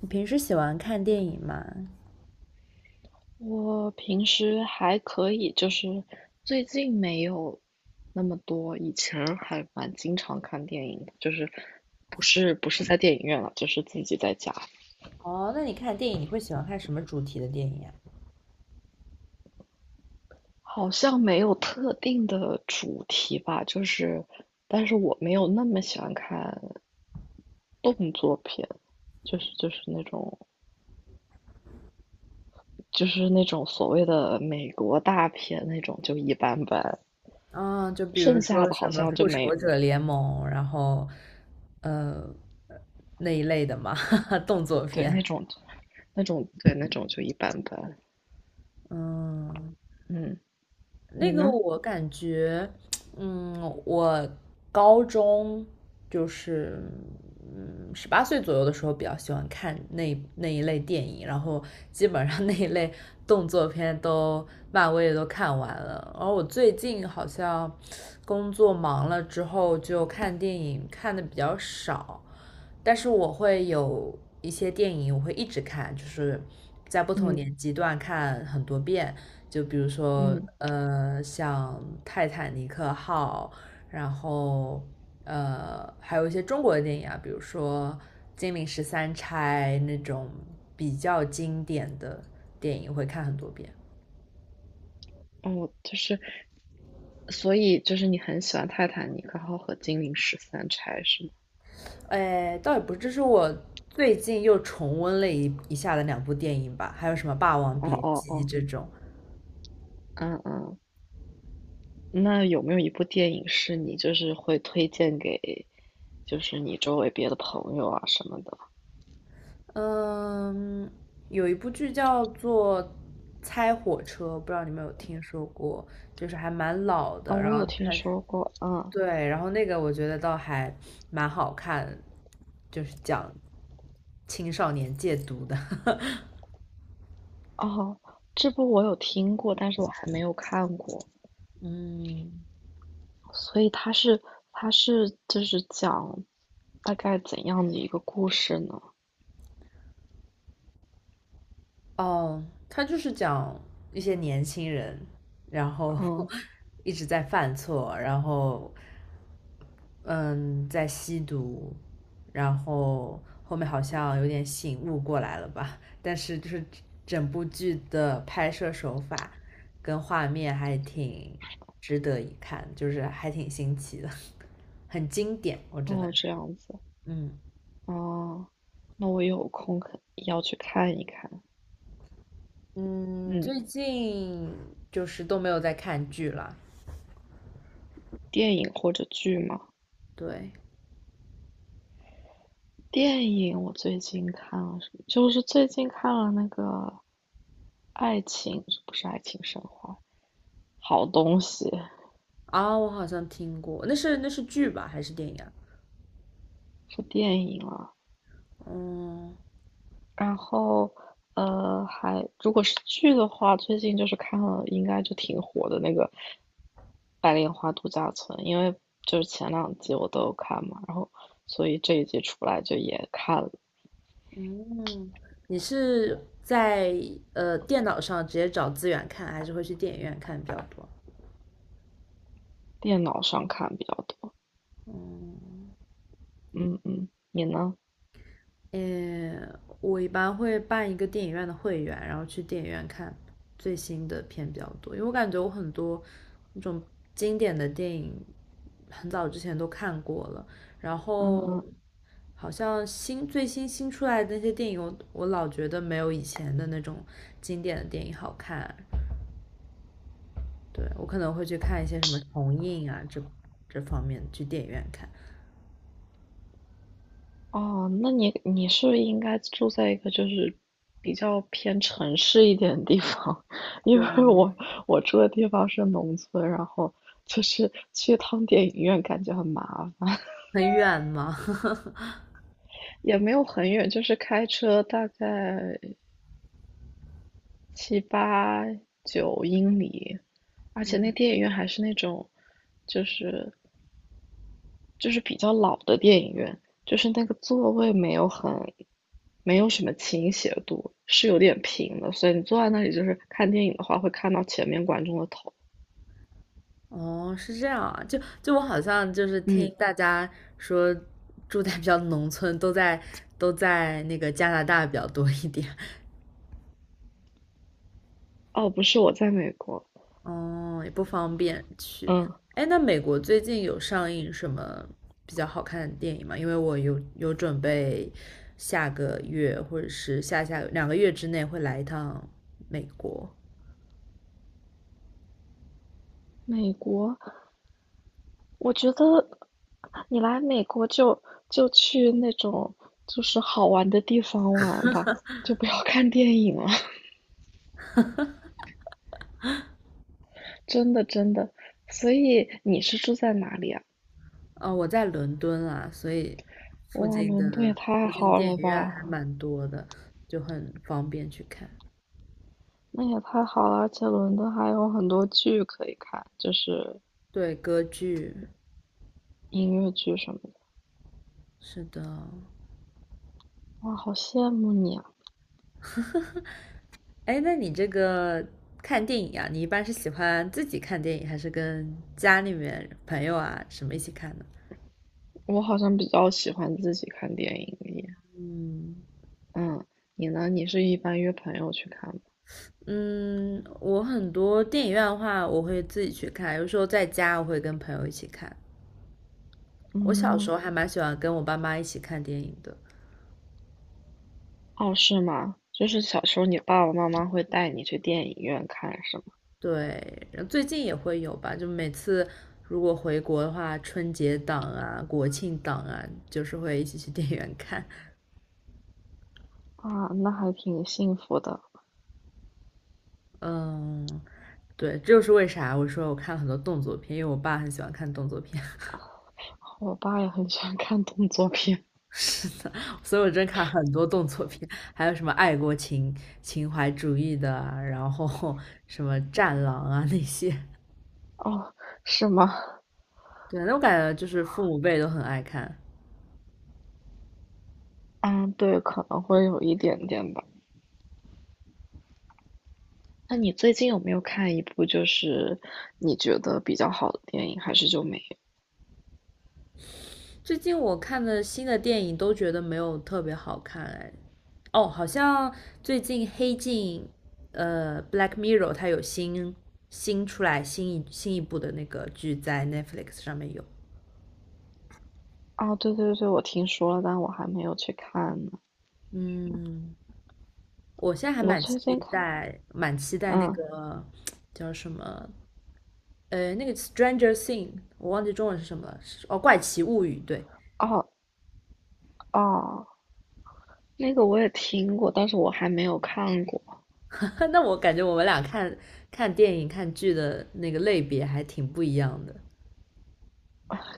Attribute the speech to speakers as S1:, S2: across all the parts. S1: 你平时喜欢看电影吗？
S2: 我平时还可以，就是最近没有那么多，以前儿还蛮经常看电影的，就是不是在电影院了，就是自己在家。
S1: 哦，那你看电影你会喜欢看什么主题的电影呀？
S2: 好像没有特定的主题吧，就是但是我没有那么喜欢看动作片，就是那种就是那种所谓的美国大片那种就一般般，
S1: 啊、就比如
S2: 剩下
S1: 说
S2: 的
S1: 什
S2: 好
S1: 么
S2: 像就
S1: 《复仇
S2: 没，
S1: 者联盟》，然后，呃，那一类的嘛，动作
S2: 对，那
S1: 片。
S2: 种那种对那种就一般般。
S1: 嗯，
S2: 嗯，
S1: 那
S2: 你
S1: 个
S2: 呢？
S1: 我感觉，嗯，我高中就是18岁左右的时候比较喜欢看那一类电影，然后基本上那一类动作片都漫威的都看完了。而我最近好像工作忙了之后，就看电影看的比较少。但是我会有一些电影，我会一直看，就是在不同
S2: 嗯
S1: 年纪段看很多遍。就比如说，
S2: 嗯。
S1: 像《泰坦尼克号》，然后还有一些中国的电影啊，比如说《金陵十三钗》那种比较经典的电影，会看很多遍。
S2: 哦，就是，所以就是你很喜欢《泰坦尼克号》和《金陵十三钗》是吗？
S1: 哎，倒也不是，这是我最近又重温了一下的两部电影吧，还有什么《霸王
S2: 哦
S1: 别
S2: 哦
S1: 姬》
S2: 哦，
S1: 这种。
S2: 嗯嗯。那有没有一部电影是你就是会推荐给，就是你周围别的朋友啊什么的？
S1: 嗯，有一部剧叫做《猜火车》，不知道你们有听说过，就是还蛮老
S2: 啊、
S1: 的。然
S2: 我
S1: 后
S2: 有
S1: 嗯
S2: 听
S1: 它是
S2: 说过，嗯。
S1: 对，然后那个我觉得倒还蛮好看，就是讲青少年戒毒的。
S2: 哦，这部我有听过，但是我还没有看过，
S1: 嗯，
S2: 所以它是就是讲大概怎样的一个故事呢？
S1: 哦，他就是讲一些年轻人，然后
S2: 嗯。
S1: 一直在犯错，然后嗯，在吸毒，然后后面好像有点醒悟过来了吧，但是就是整部剧的拍摄手法跟画面还挺值得一看，就是还挺新奇的，很经典，我只能
S2: 哦，这
S1: 说，
S2: 样子。
S1: 嗯
S2: 哦，那我有空可要去看一看。
S1: 嗯，
S2: 嗯。
S1: 最近就是都没有在看剧了，
S2: 电影或者剧吗？
S1: 对。
S2: 电影我最近看了什么？就是最近看了那个《爱情》，不是《爱情神话》，好东西。
S1: 啊，我好像听过，那是那是剧吧，还是电影啊？
S2: 是电影啊。
S1: 嗯
S2: 然后，呃，还如果是剧的话，最近就是看了，应该就挺火的那个《白莲花度假村》，因为就是前2集我都有看嘛，然后所以这一季出来就也看了。
S1: 嗯，你是在电脑上直接找资源看，还是会去电影院看比较多？
S2: 电脑上看比较多。
S1: 嗯
S2: 嗯嗯，你呢？
S1: 我一般会办一个电影院的会员，然后去电影院看最新的片比较多，因为我感觉我很多那种经典的电影很早之前都看过了，然
S2: 嗯
S1: 后
S2: 嗯。
S1: 好像最新出来的那些电影我，我老觉得没有以前的那种经典的电影好看。对，我可能会去看一些什么重映啊这方面，去电影院看。
S2: 哦，那你是应该住在一个就是比较偏城市一点的地方，因为
S1: 对，
S2: 我住的地方是农村，然后就是去趟电影院感觉很麻烦。
S1: 很远嘛。
S2: 也没有很远，就是开车大概7、8、9英里，而且那电影院还是那种就是就是比较老的电影院，就是那个座位没有很，没有什么倾斜度，是有点平的，所以你坐在那里就是看电影的话，会看到前面观众的头。
S1: 哦，是这样啊，就我好像就是听
S2: 嗯。
S1: 大家说，住在比较农村，都在那个加拿大比较多一点，
S2: 哦，不是，我在美国。
S1: 哦，也不方便去。
S2: 嗯。
S1: 哎，那美国最近有上映什么比较好看的电影吗？因为我有准备下个月或者是下下两个月之内会来一趟美国。
S2: 美国，我觉得你来美国就就去那种就是好玩的地方玩吧，就不要看电影了，真的真的。所以你是住在哪里啊？
S1: 哦，我在伦敦啊，所以附
S2: 哇，
S1: 近
S2: 伦敦
S1: 的
S2: 也太
S1: 附近
S2: 好
S1: 电影
S2: 了
S1: 院
S2: 吧！
S1: 还蛮多的，就很方便去看。
S2: 那也太好了，而且伦敦还有很多剧可以看，就是
S1: 对，歌剧，
S2: 音乐剧什么的。
S1: 是的。
S2: 哇，好羡慕你啊！
S1: 哎，那你这个看电影啊，你一般是喜欢自己看电影，还是跟家里面朋友啊什么一起看呢？
S2: 我好像比较喜欢自己看电影耶。
S1: 嗯，
S2: 嗯，你呢？你是一般约朋友去看吗？
S1: 嗯，我很多电影院的话，我会自己去看，有时候在家我会跟朋友一起看。我小时
S2: 嗯。
S1: 候还蛮喜欢跟我爸妈一起看电影的，
S2: 哦，是吗？就是小时候你爸爸妈妈会带你去电影院看，是吗？
S1: 对，然后最近也会有吧，就每次如果回国的话，春节档啊、国庆档啊，就是会一起去电影院看。
S2: 啊，那还挺幸福的。
S1: 嗯，对，这就是为啥我说我看了很多动作片，因为我爸很喜欢看动作片，
S2: 我爸也很喜欢看动作片。
S1: 所以我真看很多动作片，还有什么爱国情怀主义的啊，然后 什么战狼啊那些。
S2: 哦，是吗？
S1: 对，那我感觉就是父母辈都很爱看。
S2: 嗯，对，可能会有一点点吧。那你最近有没有看一部就是你觉得比较好的电影，还是就没有？
S1: 最近我看的新的电影都觉得没有特别好看哎。哦，好像最近黑镜，《Black Mirror》它有新出来新一新一部的那个剧在 Netflix 上面有。
S2: 啊，对对对，我听说了，但我还没有去看呢。
S1: 嗯，我现在还
S2: 我
S1: 蛮
S2: 最
S1: 期
S2: 近看，
S1: 待，蛮期待那
S2: 嗯。
S1: 个叫什么，那个《Stranger Thing》，我忘记中文是什么了，是哦，《怪奇物语》。对，
S2: 哦哦，那个我也听过，但是我还没有看过。
S1: 那我感觉我们俩看电影、看剧的那个类别还挺不一样的。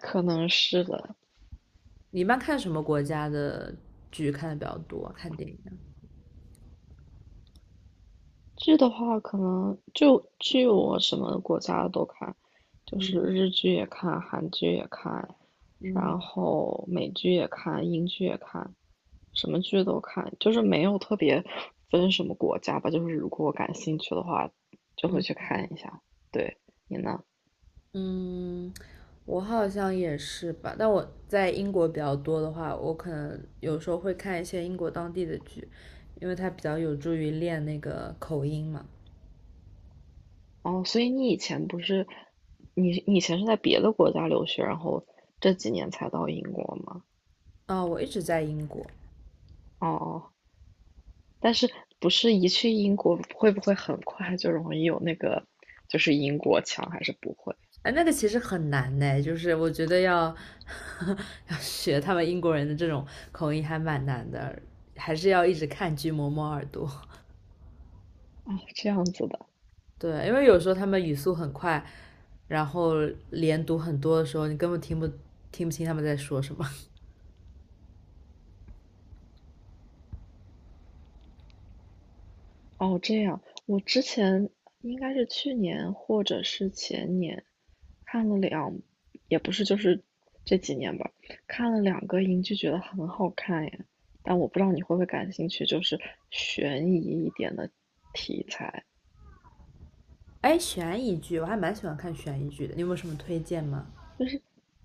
S2: 可能是的。
S1: 你一般看什么国家的剧看的比较多啊看电影啊
S2: 剧的话，可能就剧我什么国家的都看，就是
S1: 嗯
S2: 日剧也看，韩剧也看，
S1: 嗯
S2: 然后美剧也看，英剧也看，什么剧都看，就是没有特别分什么国家吧，就是如果我感兴趣的话，就会
S1: 嗯
S2: 去看一下。对，你呢？
S1: 嗯，我好像也是吧。但我在英国比较多的话，我可能有时候会看一些英国当地的剧，因为它比较有助于练那个口音嘛。
S2: 哦，所以你以前不是，你以前是在别的国家留学，然后这几年才到英国吗？
S1: 啊、我一直在英国，
S2: 哦哦。但是不是一去英国会不会很快就容易有那个，就是英国腔，还是不会？
S1: 哎，那个其实很难呢，就是我觉得要 要学他们英国人的这种口音还蛮难的，还是要一直看剧磨磨耳朵。
S2: 哦，这样子的。
S1: 对，因为有时候他们语速很快，然后连读很多的时候，你根本听不清他们在说什么。
S2: 哦，这样，我之前应该是去年或者是前年看了两，也不是就是这几年吧，看了2个英剧，觉得很好看耶。但我不知道你会不会感兴趣，就是悬疑一点的题材。
S1: 哎，悬疑剧我还蛮喜欢看悬疑剧的，你有没有什么推荐吗？
S2: 就是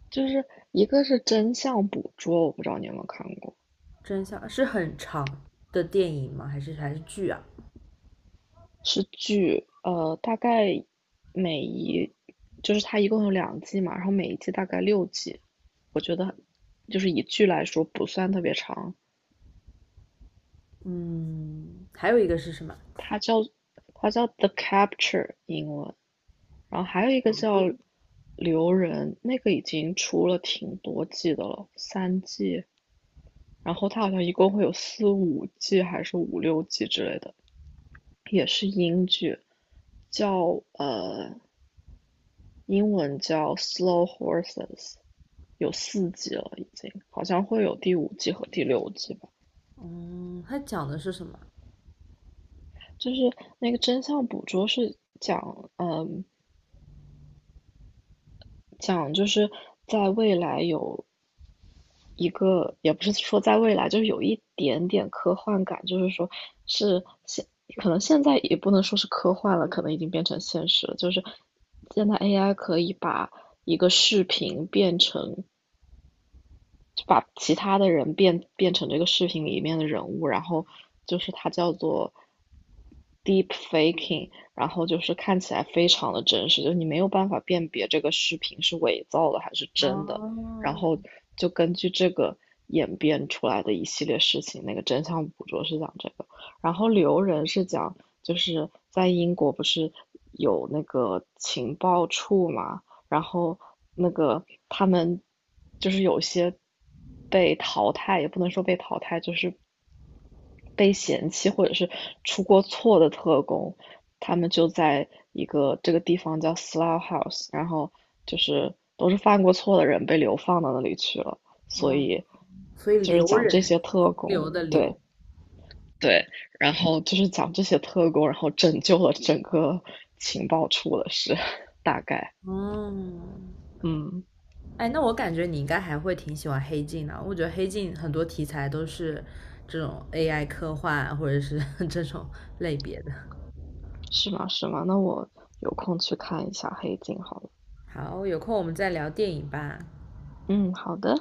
S2: 就是一个是真相捕捉，我不知道你有没有看过。
S1: 真相是很长的电影吗？还是剧啊？
S2: 是剧，呃，大概每一就是它一共有2季嘛，然后每一季大概6集，就是以剧来说不算特别长。
S1: 嗯，还有一个是什么？
S2: 它叫它叫 The Capture 英文，然后还有一个叫留人，那个已经出了挺多季的了，3季，然后它好像一共会有4、5季还是5、6季之类的，也是英剧，叫呃英文叫 Slow Horses，有4季了已经，好像会有第5季和第6季吧。
S1: 嗯，它讲的是什么？
S2: 就是那个真相捕捉是讲，嗯、讲，就是在未来有一个，也不是说在未来，就是有一点点科幻感，就是说是现，可能现在也不能说是科幻了，可能已经变成现实了。就是现在 AI 可以把一个视频变成就把其他的人变变成这个视频里面的人物，然后就是它叫做 deep faking，然后就是看起来非常的真实，就是你没有办法辨别这个视频是伪造的还是
S1: 哦，
S2: 真的，然后就根据这个演变出来的一系列事情，那个真相捕捉是讲这个，然后留人是讲就是在英国不是有那个情报处嘛，然后那个他们就是有些被淘汰，也不能说被淘汰，就是被嫌弃或者是出过错的特工，他们就在一个这个地方叫 Slough House，然后就是都是犯过错的人被流放到那里去了，所
S1: 哦，
S2: 以
S1: 所以
S2: 就是
S1: 留
S2: 讲这
S1: 人，
S2: 些特
S1: 停
S2: 工，
S1: 留的
S2: 对
S1: 留。
S2: 对，然后就是讲这些特工，然后拯救了整个情报处的事，大概。
S1: 哦，
S2: 嗯。
S1: 哎，那我感觉你应该还会挺喜欢黑镜的。我觉得黑镜很多题材都是这种 AI 科幻啊或者是 这种类别的。
S2: 是吗？是吗？那我有空去看一下《黑镜》好了。
S1: 好，有空我们再聊电影吧。
S2: 嗯，好的。